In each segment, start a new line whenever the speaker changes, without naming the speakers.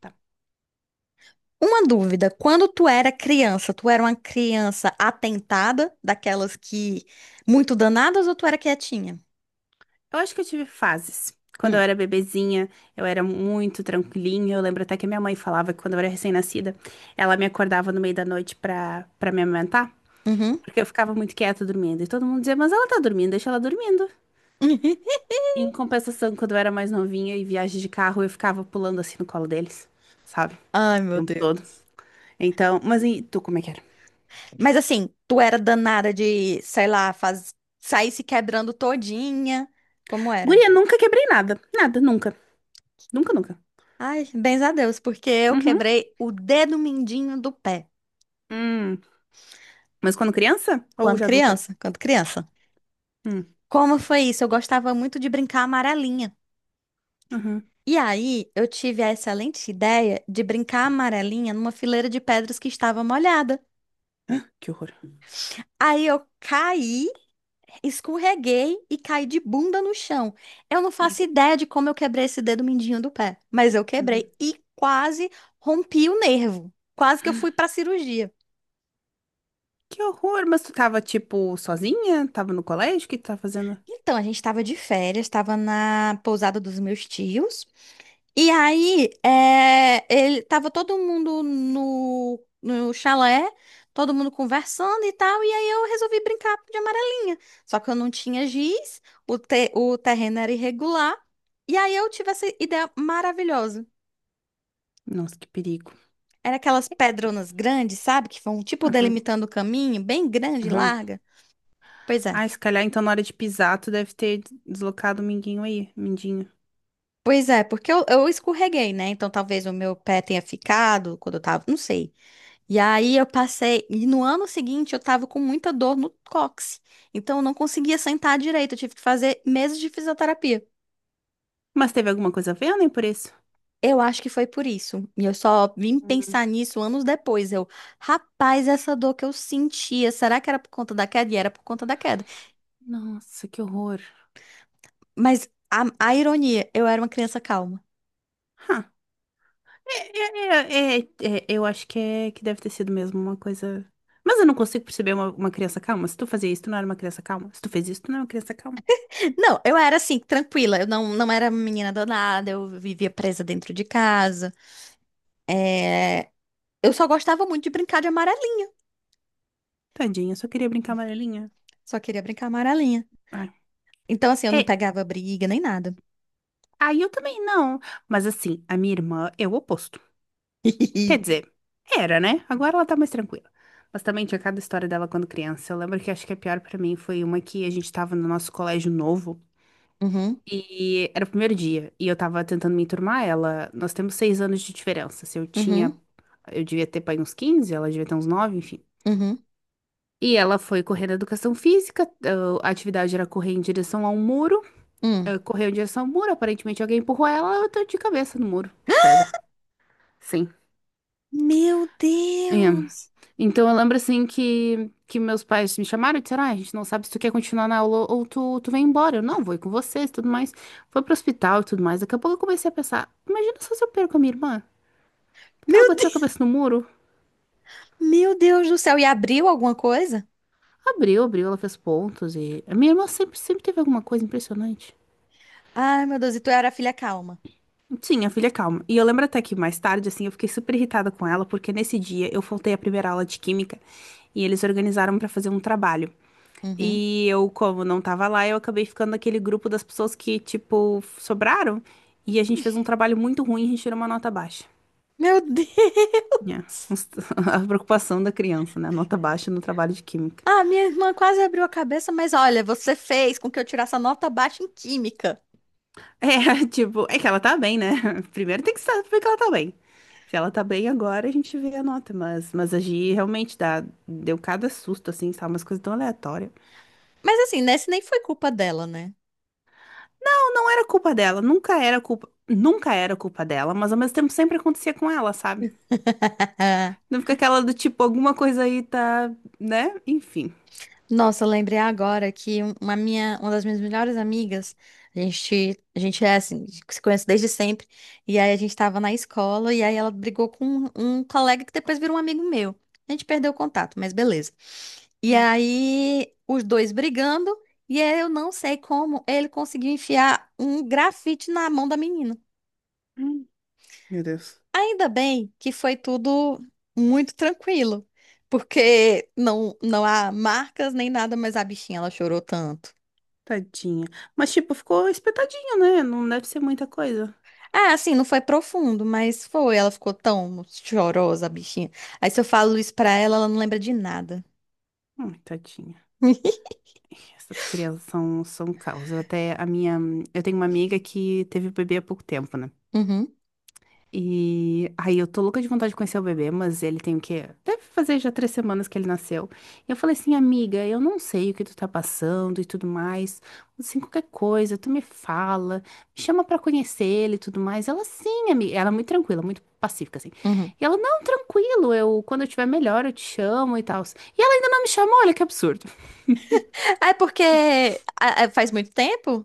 Tá.
Uma dúvida, quando tu era criança, tu era uma criança atentada, daquelas que muito danadas, ou tu era quietinha?
Eu acho que eu tive fases. Quando eu
Hum,
era bebezinha, eu era muito tranquilinha. Eu lembro até que a minha mãe falava que quando eu era recém-nascida, ela me acordava no meio da noite pra me amamentar,
uhum.
porque eu ficava muito quieta dormindo. E todo mundo dizia, mas ela tá dormindo, deixa ela dormindo. Em compensação, quando eu era mais novinha e viagem de carro, eu ficava pulando assim no colo deles, sabe?
Ai,
O
meu
tempo todo.
Deus.
Então, mas e tu, como é que era?
Mas assim, tu era danada de, sei lá, faz... sair se quebrando todinha. Como era?
Guria, nunca quebrei nada. Nada, nunca. Nunca, nunca.
Ai, bens a Deus, porque eu
Uhum.
quebrei o dedo mindinho do pé.
Hum. Mas quando criança? Ou
Quando
já adulta?
criança, quando criança.
Hum.
Como foi isso? Eu gostava muito de brincar amarelinha.
Uhum.
E aí, eu tive a excelente ideia de brincar a amarelinha numa fileira de pedras que estava molhada.
Que horror.
Aí eu caí, escorreguei e caí de bunda no chão. Eu não faço ideia de como eu quebrei esse dedo mindinho do pé, mas eu
Uhum.
quebrei e quase rompi o nervo. Quase que eu fui para cirurgia.
Que horror, mas tu tava, tipo, sozinha? Tava no colégio? O que tu tava fazendo?
Então, a gente estava de férias, estava na pousada dos meus tios. E aí, ele tava todo mundo no chalé, todo mundo conversando e tal, e aí eu resolvi brincar de amarelinha. Só que eu não tinha giz, o terreno era irregular, e aí eu tive essa ideia maravilhosa.
Nossa, que perigo.
Era aquelas pedronas grandes, sabe? Que vão tipo
Aham,
delimitando o caminho, bem grande e
aham.
larga. Pois é.
Ai, se calhar, então, na hora de pisar, tu deve ter deslocado o minguinho aí, mindinho.
Pois é, porque eu escorreguei, né? Então talvez o meu pé tenha ficado quando eu tava, não sei. E aí eu passei, e no ano seguinte eu tava com muita dor no cóccix. Então eu não conseguia sentar direito, eu tive que fazer meses de fisioterapia.
Mas teve alguma coisa a ver, nem por isso?
Eu acho que foi por isso. E eu só vim
Hum.
pensar nisso anos depois. Eu, rapaz, essa dor que eu sentia, será que era por conta da queda? E era por conta da queda.
Nossa, que horror.
Mas a ironia, eu era uma criança calma.
Hã. É, é, eu acho que, é, que deve ter sido mesmo uma coisa. Mas eu não consigo perceber uma criança calma. Se tu fazia isso, tu não era uma criança calma. Se tu fez isso, tu não era uma criança calma.
Não, eu era assim, tranquila. Eu não, não era menina danada, eu vivia presa dentro de casa. É, eu só gostava muito de brincar de amarelinha.
Tadinha, só queria brincar amarelinha.
Só queria brincar amarelinha.
Ai.
Então, assim, eu não
É,
pegava briga nem nada.
aí eu também não. Mas assim, a minha irmã é o oposto. Quer dizer, era, né? Agora ela tá mais tranquila. Mas também tinha cada história dela quando criança. Eu lembro que acho que a pior pra mim foi uma que a gente tava no nosso colégio novo
Uhum,
e era o primeiro dia e eu tava tentando me enturmar ela. Nós temos 6 anos de diferença. Se eu tinha,
uhum,
eu devia ter pai uns 15, ela devia ter uns 9, enfim.
uhum,
E ela foi correr na educação física, ah, a atividade era correr em direção a um muro, ah,
hum.
correu em direção ao muro, aparentemente alguém empurrou ela, ela deu de cabeça no muro de pedra. Sim.
Meu
É.
Deus!
Então eu lembro assim que meus pais me chamaram e disseram: ah, a gente não sabe se tu quer continuar na aula ou tu, tu vem embora. Eu não, vou ir com vocês e tudo mais. Foi pro hospital e tudo mais. Daqui a pouco eu comecei a pensar: imagina só se eu perco a minha irmã. Porque ela
Meu
bateu a
Deus,
cabeça no muro.
meu Deus do céu! E abriu alguma coisa?
Abriu, abriu, ela fez pontos e. A minha irmã sempre, sempre teve alguma coisa impressionante.
Ai, meu Deus, e tu era a filha calma.
Sim, a filha é calma. E eu lembro até que mais tarde, assim, eu fiquei super irritada com ela, porque nesse dia eu faltei a primeira aula de química e eles organizaram pra fazer um trabalho.
Uhum.
E eu, como não tava lá, eu acabei ficando naquele grupo das pessoas que, tipo, sobraram. E a gente fez um trabalho muito ruim e a gente tirou uma nota baixa.
Meu
É,
Deus!
a preocupação da criança, né? Nota baixa no trabalho de química.
Ah, minha irmã quase abriu a cabeça, mas olha, você fez com que eu tirasse a nota baixa em química.
É, tipo, é que ela tá bem, né? Primeiro tem que saber que ela tá bem. Se ela tá bem agora, a gente vê a nota. mas, a Gi realmente dá, deu cada susto, assim, sabe? Umas coisas tão aleatórias.
Mas assim, né? Isso nem foi culpa dela, né?
Não, não era culpa dela. Nunca era culpa. Nunca era culpa dela, mas ao mesmo tempo sempre acontecia com ela, sabe? Não fica aquela do tipo, alguma coisa aí tá, né? Enfim.
Nossa, eu lembrei agora que uma minha, uma das minhas melhores amigas, a gente é assim, se conhece desde sempre, e aí a gente tava na escola, e aí ela brigou com um colega que depois virou um amigo meu. A gente perdeu o contato, mas beleza. E
Hum,
aí, os dois brigando, e aí eu não sei como ele conseguiu enfiar um grafite na mão da menina.
hum. Meu Deus,
Ainda bem que foi tudo muito tranquilo, porque não há marcas nem nada, mas a bichinha, ela chorou tanto.
tadinha. Mas, tipo, ficou espetadinho, né? Não deve ser muita coisa.
Ah, assim, não foi profundo, mas foi. Ela ficou tão chorosa, a bichinha. Aí se eu falo isso pra ela, ela não lembra de nada.
Ai, tadinha. Ih, essas crianças são, são um caos. Eu até, a minha, Eu tenho uma amiga que teve bebê há pouco tempo, né?
Uhum,
E aí eu tô louca de vontade de conhecer o bebê, mas ele tem o quê? Deve fazer já 3 semanas que ele nasceu. E eu falei assim, amiga, eu não sei o que tu tá passando e tudo mais. Assim, qualquer coisa, tu me fala, me chama pra conhecer ele e tudo mais. Ela, sim, amiga. Ela é muito tranquila, muito pacífica, assim.
uhum.
E ela, não, tranquilo, eu, quando eu tiver melhor, eu te chamo e tal. E ela ainda não me chamou, olha que absurdo.
Ah, é porque ah, ah, faz muito tempo?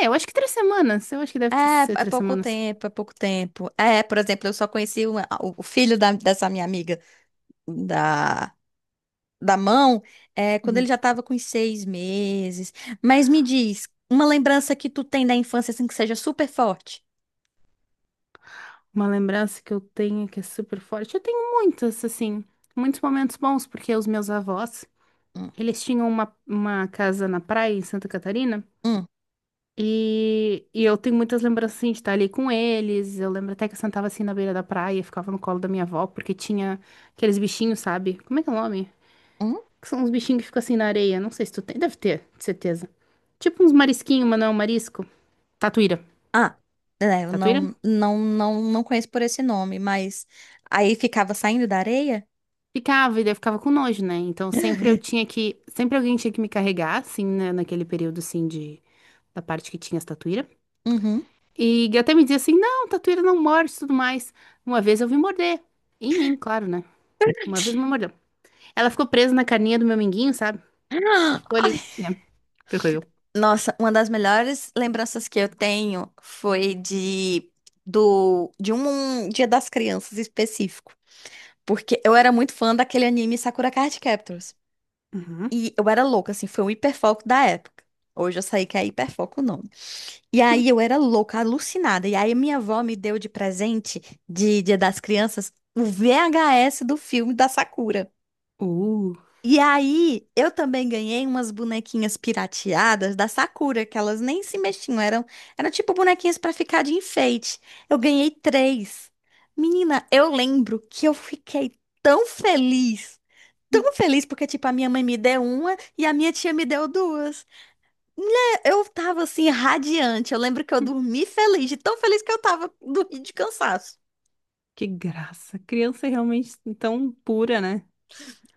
É, eu acho que 3 semanas, eu acho que
É,
ser
é
três
pouco
semanas.
tempo, é pouco tempo. É, por exemplo, eu só conheci o filho dessa minha amiga da, da mão, é, quando ele
Uhum.
já tava com uns 6 meses. Mas me diz, uma lembrança que tu tem da infância, assim, que seja super forte?
Uma lembrança que eu tenho que é super forte. Eu tenho muitas, assim, muitos momentos bons, porque os meus avós,
Hum,
eles tinham uma casa na praia em Santa Catarina.
hum,
E eu tenho muitas lembranças assim, de estar ali com eles. Eu lembro até que eu sentava assim na beira da praia, ficava no colo da minha avó, porque tinha aqueles bichinhos, sabe? Como é que é o nome?
hum.
Que são uns bichinhos que ficam assim na areia. Não sei se tu tem. Deve ter, de certeza. Tipo uns marisquinhos, mas não é um marisco. Tatuíra.
Ah, é, eu
Tatuíra?
não, não, não, não conheço por esse nome, mas aí ficava saindo da areia?
Ficava, e daí eu ficava com nojo, né? Então sempre eu tinha que. Sempre alguém tinha que me carregar, assim, né? Naquele período, assim, de. Da parte que tinha as tatuíra.
Uhum.
E até me dizia assim: não, tatuíra não morde e tudo mais. Uma vez eu vi morder. Em mim, claro, né? Uma vez me mordeu. Ela ficou presa na carninha do meu minguinho, sabe? Ficou
Ai,
ali. Yeah, ferrou eu.
nossa, uma das melhores lembranças que eu tenho foi de um Dia das Crianças específico, porque eu era muito fã daquele anime Sakura Card Captors.
Uhum.
E eu era louca, assim, foi um hiperfoco da época. Hoje eu sei que é hiperfoco não. E aí eu era louca, alucinada. E aí minha avó me deu de presente de Dia das Crianças o VHS do filme da Sakura.
Uh,
E aí eu também ganhei umas bonequinhas pirateadas da Sakura, que elas nem se mexiam, eram tipo bonequinhas pra ficar de enfeite. Eu ganhei 3. Menina, eu lembro que eu fiquei tão feliz. Tão feliz porque, tipo, a minha mãe me deu uma e a minha tia me deu duas. Eu tava assim, radiante. Eu lembro que eu dormi feliz, de tão feliz que eu tava, dormi de cansaço.
que graça. Criança é realmente tão pura, né?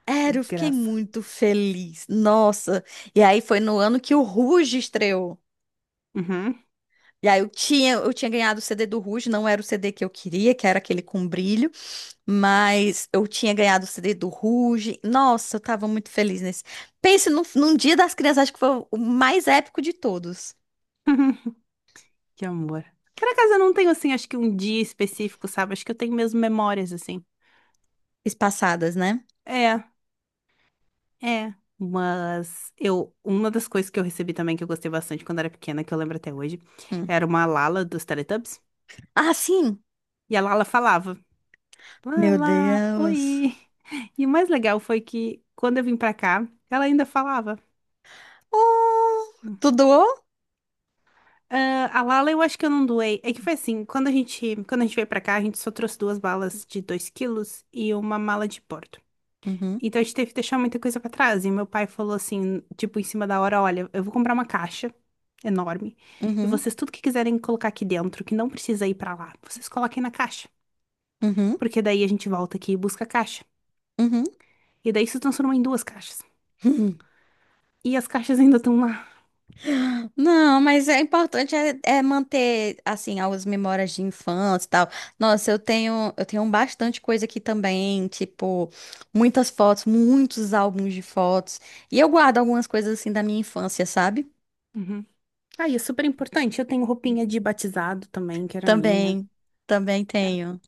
Era,
Que
eu fiquei
graça.
muito feliz. Nossa. E aí foi no ano que o Ruge estreou.
Uhum.
E aí eu tinha ganhado o CD do Ruge, não era o CD que eu queria, que era aquele com brilho, mas eu tinha ganhado o CD do Ruge. Nossa, eu tava muito feliz nesse. Pense num dia das crianças, acho que foi o mais épico de todos.
Que amor. Por acaso eu não tenho, assim, acho que um dia específico, sabe? Acho que eu tenho mesmo memórias, assim.
Espaçadas, né?
É, é. Mas eu, uma das coisas que eu recebi também que eu gostei bastante quando era pequena, que eu lembro até hoje,
Hum.
era uma Lala dos Teletubbies.
Ah, sim.
E a Lala falava:
Meu
Lala,
Deus.
oi. E o mais legal foi que quando eu vim pra cá, ela ainda falava.
Oh, tu doou?
Ah, a Lala eu acho que eu não doei. É que foi assim, quando a gente veio pra cá, a gente só trouxe duas balas de 2 quilos e uma mala de pó.
Uhum,
Então a gente teve que deixar muita coisa pra trás. E meu pai falou assim, tipo, em cima da hora, olha, eu vou comprar uma caixa enorme e
uhum,
vocês tudo que quiserem colocar aqui dentro, que não precisa ir pra lá, vocês coloquem na caixa,
uhum,
porque daí a gente volta aqui e busca a caixa.
uhum.
E daí se transformou em duas caixas. E as caixas ainda estão lá.
Não, mas é importante é manter assim as memórias de infância e tal. Nossa, eu tenho bastante coisa aqui também, tipo muitas fotos, muitos álbuns de fotos. E eu guardo algumas coisas assim da minha infância, sabe?
Uhum. Ah, e é super importante. Eu tenho roupinha de batizado também, que era minha.
Também, também tenho.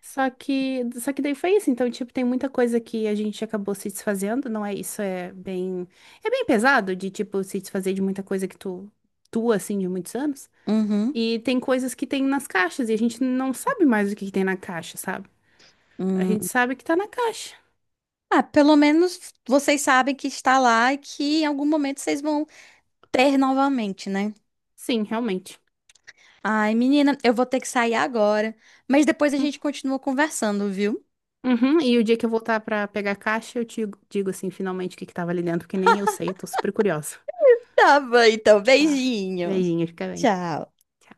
Só que daí foi isso. Então, tipo, tem muita coisa que a gente acabou se desfazendo, não é isso? É bem pesado de, tipo, se desfazer de muita coisa que tu, tu, assim, de muitos anos.
Uhum.
E tem coisas que tem nas caixas e a gente não sabe mais o que que tem na caixa, sabe? A
Hum.
gente sabe que tá na caixa.
Ah, pelo menos vocês sabem que está lá e que em algum momento vocês vão ter novamente, né?
Sim, realmente.
Ai, menina, eu vou ter que sair agora, mas depois a
Hum.
gente continua conversando, viu?
Uhum. E o dia que eu voltar pra pegar a caixa, eu te digo, assim, finalmente o que que tava ali dentro, que nem eu sei, tô super curiosa.
Tá bom, então,
Tá.
beijinho.
Beijinho, fica bem.
Tchau.
Tchau.